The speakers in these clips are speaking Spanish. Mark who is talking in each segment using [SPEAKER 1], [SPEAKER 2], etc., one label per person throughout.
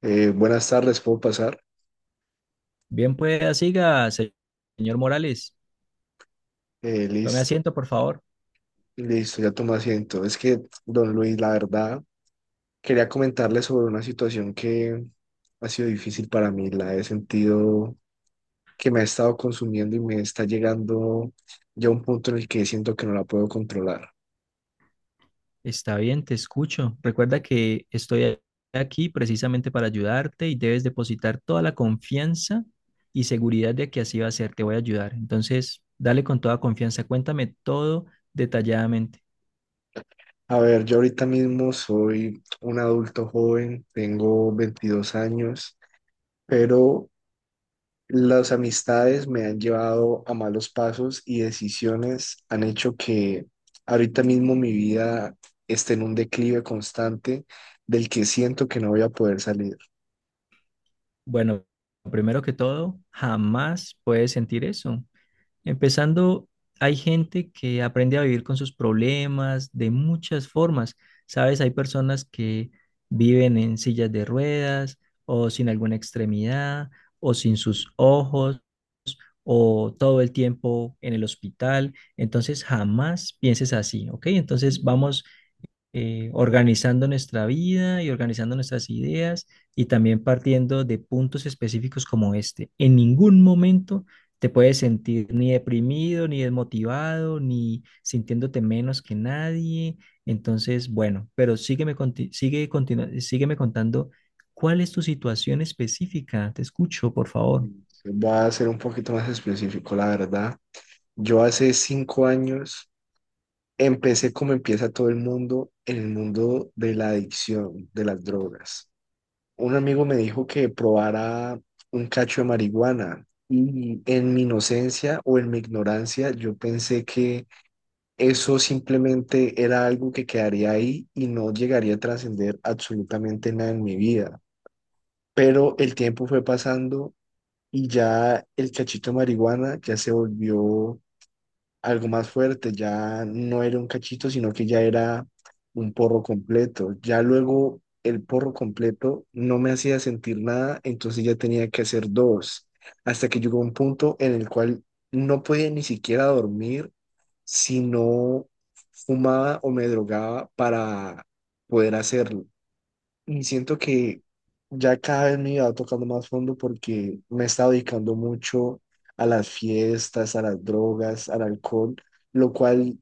[SPEAKER 1] Buenas tardes, ¿puedo pasar?
[SPEAKER 2] Bien, pues siga, señor Morales. Tome
[SPEAKER 1] Listo,
[SPEAKER 2] asiento, por favor.
[SPEAKER 1] listo, ya tomo asiento. Es que, don Luis, la verdad, quería comentarle sobre una situación que ha sido difícil para mí. La he sentido que me ha estado consumiendo y me está llegando ya a un punto en el que siento que no la puedo controlar.
[SPEAKER 2] Está bien, te escucho. Recuerda que aquí precisamente para ayudarte y debes depositar toda la confianza y seguridad de que así va a ser. Te voy a ayudar. Entonces, dale con toda confianza. Cuéntame todo detalladamente.
[SPEAKER 1] A ver, yo ahorita mismo soy un adulto joven, tengo 22 años, pero las amistades me han llevado a malos pasos y decisiones han hecho que ahorita mismo mi vida esté en un declive constante del que siento que no voy a poder salir.
[SPEAKER 2] Bueno, primero que todo, jamás puedes sentir eso. Empezando, hay gente que aprende a vivir con sus problemas de muchas formas. Sabes, hay personas que viven en sillas de ruedas o sin alguna extremidad o sin sus ojos o todo el tiempo en el hospital. Entonces, jamás pienses así, ¿ok? Entonces, vamos organizando nuestra vida y organizando nuestras ideas y también partiendo de puntos específicos como este. En ningún momento te puedes sentir ni deprimido, ni desmotivado, ni sintiéndote menos que nadie. Entonces, bueno, pero sígueme, sígueme contando cuál es tu situación específica. Te escucho, por favor.
[SPEAKER 1] Voy a ser un poquito más específico, la verdad. Yo hace 5 años empecé como empieza todo el mundo, en el mundo de la adicción, de las drogas. Un amigo me dijo que probara un cacho de marihuana y en mi inocencia o en mi ignorancia yo pensé que eso simplemente era algo que quedaría ahí y no llegaría a trascender absolutamente nada en mi vida. Pero el tiempo fue pasando y ya el cachito de marihuana ya se volvió algo más fuerte, ya no era un cachito, sino que ya era un porro completo. Ya luego el porro completo no me hacía sentir nada, entonces ya tenía que hacer dos, hasta que llegó un punto en el cual no podía ni siquiera dormir si no fumaba o me drogaba para poder hacerlo. Y siento que ya cada vez me iba tocando más fondo porque me he estado dedicando mucho a las fiestas, a las drogas, al alcohol, lo cual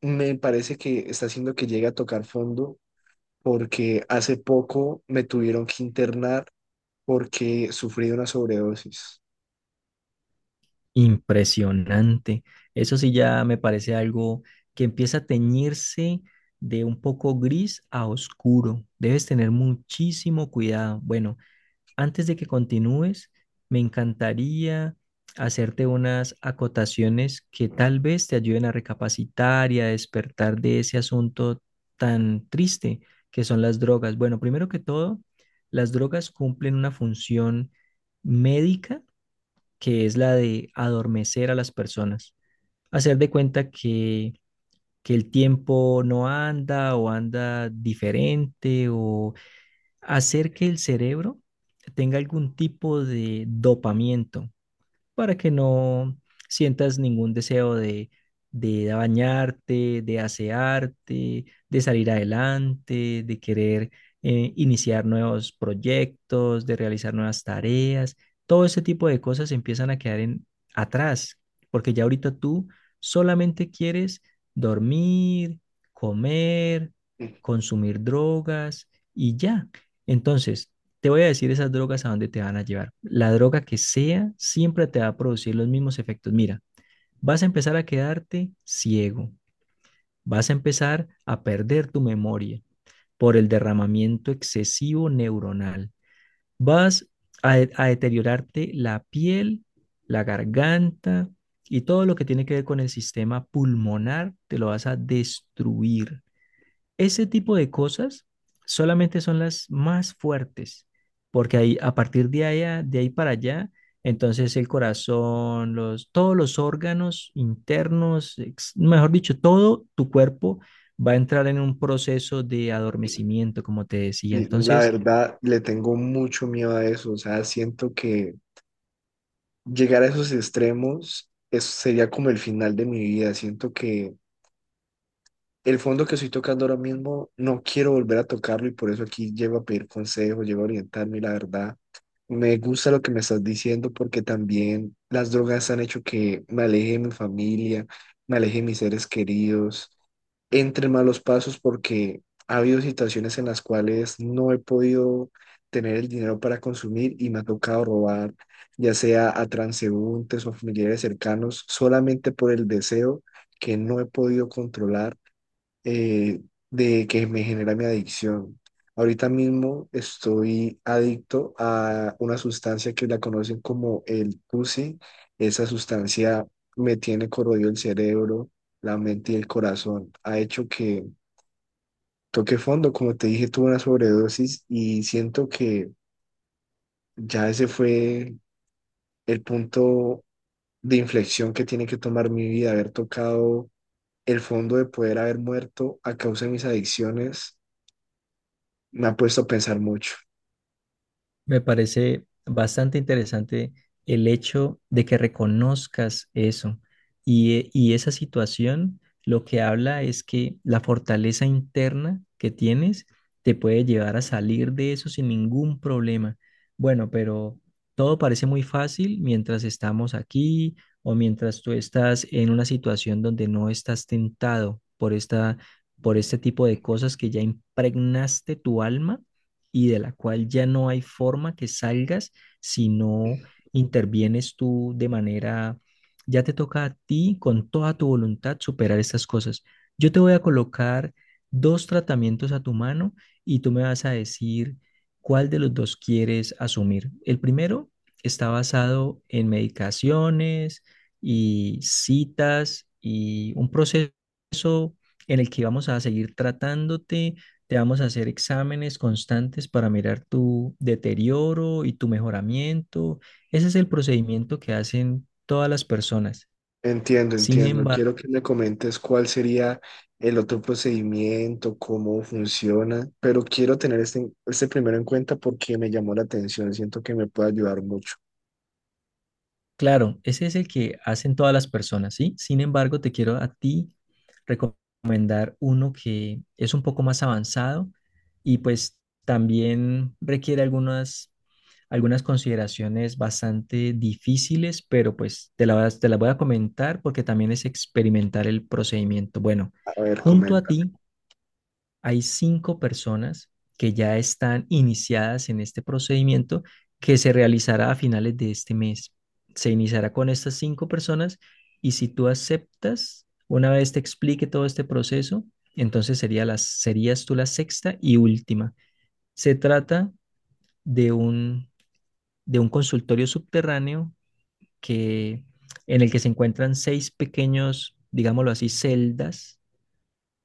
[SPEAKER 1] me parece que está haciendo que llegue a tocar fondo porque hace poco me tuvieron que internar porque sufrí una sobredosis.
[SPEAKER 2] Impresionante. Eso sí ya me parece algo que empieza a teñirse de un poco gris a oscuro. Debes tener muchísimo cuidado. Bueno, antes de que continúes, me encantaría hacerte unas acotaciones que tal vez te ayuden a recapacitar y a despertar de ese asunto tan triste que son las drogas. Bueno, primero que todo, las drogas cumplen una función médica que es la de adormecer a las personas, hacer de cuenta que el tiempo no anda o anda diferente o hacer que el cerebro tenga algún tipo de dopamiento para que no sientas ningún deseo de bañarte, de asearte, de salir adelante, de querer iniciar nuevos proyectos, de realizar nuevas tareas. Todo ese tipo de cosas empiezan a quedar atrás, porque ya ahorita tú solamente quieres dormir, comer,
[SPEAKER 1] Mm.
[SPEAKER 2] consumir drogas y ya. Entonces, te voy a decir esas drogas a dónde te van a llevar. La droga que sea siempre te va a producir los mismos efectos. Mira, vas a empezar a quedarte ciego, vas a empezar a perder tu memoria por el derramamiento excesivo neuronal, vas a, de- a deteriorarte la piel, la garganta y todo lo que tiene que ver con el sistema pulmonar, te lo vas a destruir. Ese tipo de cosas solamente son las más fuertes, porque ahí, a partir de ahí para allá, entonces el corazón, todos los órganos internos, mejor dicho, todo tu cuerpo va a entrar en un proceso de adormecimiento, como te decía.
[SPEAKER 1] Y la
[SPEAKER 2] Entonces,
[SPEAKER 1] verdad, le tengo mucho miedo a eso. O sea, siento que llegar a esos extremos sería como el final de mi vida. Siento que el fondo que estoy tocando ahora mismo, no quiero volver a tocarlo y por eso aquí llego a pedir consejos, llego a orientarme y la verdad, me gusta lo que me estás diciendo porque también las drogas han hecho que me aleje de mi familia, me aleje de mis seres queridos, entre malos pasos porque ha habido situaciones en las cuales no he podido tener el dinero para consumir y me ha tocado robar, ya sea a transeúntes o familiares cercanos, solamente por el deseo que no he podido controlar eh, de que me genera mi adicción. Ahorita mismo estoy adicto a una sustancia que la conocen como el TUSI. Esa sustancia me tiene corroído el cerebro, la mente y el corazón. Ha hecho que toque fondo. Como te dije, tuve una sobredosis y siento que ya ese fue el punto de inflexión que tiene que tomar mi vida, haber tocado el fondo de poder haber muerto a causa de mis adicciones. Me ha puesto a pensar mucho.
[SPEAKER 2] me parece bastante interesante el hecho de que reconozcas eso. Y esa situación lo que habla es que la fortaleza interna que tienes te puede llevar a salir de eso sin ningún problema. Bueno, pero todo parece muy fácil mientras estamos aquí o mientras tú estás en una situación donde no estás tentado por por este tipo de cosas que ya impregnaste tu alma y de la cual ya no hay forma que salgas si no intervienes tú ya te toca a ti con toda tu voluntad superar estas cosas. Yo te voy a colocar dos tratamientos a tu mano y tú me vas a decir cuál de los dos quieres asumir. El primero está basado en medicaciones y citas y un proceso en el que vamos a seguir tratándote te vamos a hacer exámenes constantes para mirar tu deterioro y tu mejoramiento. Ese es el procedimiento que hacen todas las personas.
[SPEAKER 1] Entiendo,
[SPEAKER 2] Sin
[SPEAKER 1] entiendo.
[SPEAKER 2] embargo,
[SPEAKER 1] Quiero que me comentes cuál sería el otro procedimiento, cómo funciona, pero quiero tener este, este primero en cuenta porque me llamó la atención. Siento que me puede ayudar mucho.
[SPEAKER 2] claro, ese es el que hacen todas las personas, ¿sí? Sin embargo, te quiero a ti recomendar uno que es un poco más avanzado y pues también requiere algunas algunas consideraciones bastante difíciles, pero pues te las voy a comentar porque también es experimentar el procedimiento. Bueno,
[SPEAKER 1] A ver,
[SPEAKER 2] junto a
[SPEAKER 1] coméntame.
[SPEAKER 2] ti hay 5 personas que ya están iniciadas en este procedimiento que se realizará a finales de este mes. Se iniciará con estas 5 personas y si tú aceptas, una vez te explique todo este proceso, entonces serías tú la sexta y última. Se trata de un de un consultorio subterráneo que, en el que se encuentran 6 pequeños, digámoslo así, celdas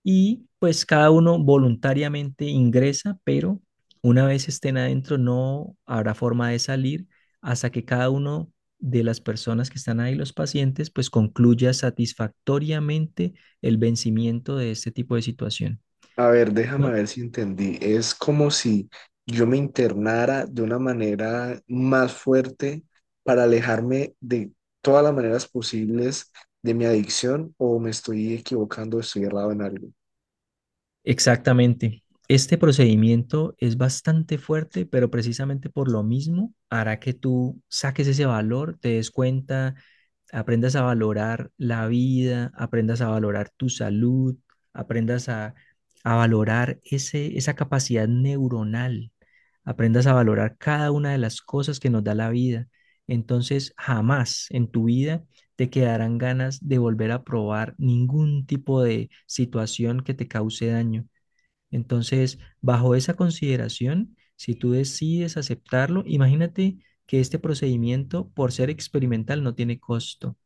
[SPEAKER 2] y pues cada uno voluntariamente ingresa, pero una vez estén adentro no habrá forma de salir hasta que cada uno de las personas que están ahí, los pacientes, pues concluya satisfactoriamente el vencimiento de este tipo de situación.
[SPEAKER 1] A ver,
[SPEAKER 2] No.
[SPEAKER 1] déjame ver si entendí. Es como si yo me internara de una manera más fuerte para alejarme de todas las maneras posibles de mi adicción o me estoy equivocando, estoy errado en algo.
[SPEAKER 2] Exactamente. Este procedimiento es bastante fuerte, pero precisamente por lo mismo hará que tú saques ese valor, te des cuenta, aprendas a valorar la vida, aprendas a valorar tu salud, aprendas a, a valorar esa capacidad neuronal, aprendas a valorar cada una de las cosas que nos da la vida. Entonces, jamás en tu vida te quedarán ganas de volver a probar ningún tipo de situación que te cause daño. Entonces, bajo esa consideración, si tú decides aceptarlo, imagínate que este procedimiento, por ser experimental, no tiene costo.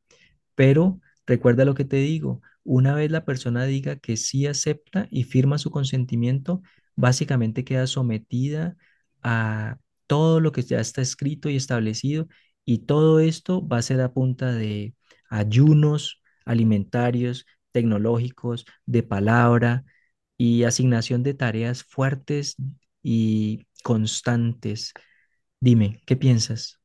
[SPEAKER 2] Pero recuerda lo que te digo, una vez la persona diga que sí acepta y firma su consentimiento, básicamente queda sometida a todo lo que ya está escrito y establecido y todo esto va a ser a punta de ayunos alimentarios, tecnológicos, de palabra y asignación de tareas fuertes y constantes. Dime, ¿qué piensas?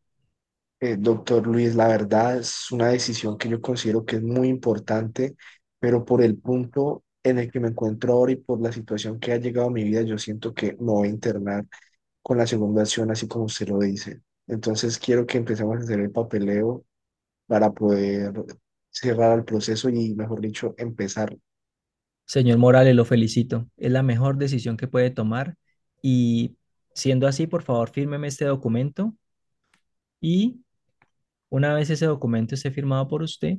[SPEAKER 1] Doctor Luis, la verdad es una decisión que yo considero que es muy importante, pero por el punto en el que me encuentro ahora y por la situación que ha llegado a mi vida, yo siento que me voy a internar con la segunda opción así como usted lo dice. Entonces quiero que empecemos a hacer el papeleo para poder cerrar el proceso y, mejor dicho, empezar.
[SPEAKER 2] Señor Morales, lo felicito. Es la mejor decisión que puede tomar y siendo así, por favor, fírmeme este documento y una vez ese documento esté firmado por usted,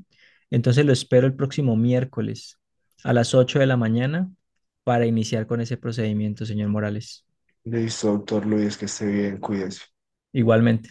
[SPEAKER 2] entonces lo espero el próximo miércoles a las 8 de la mañana para iniciar con ese procedimiento, señor Morales.
[SPEAKER 1] Listo, doctor Luis, que esté bien, cuídese.
[SPEAKER 2] Igualmente.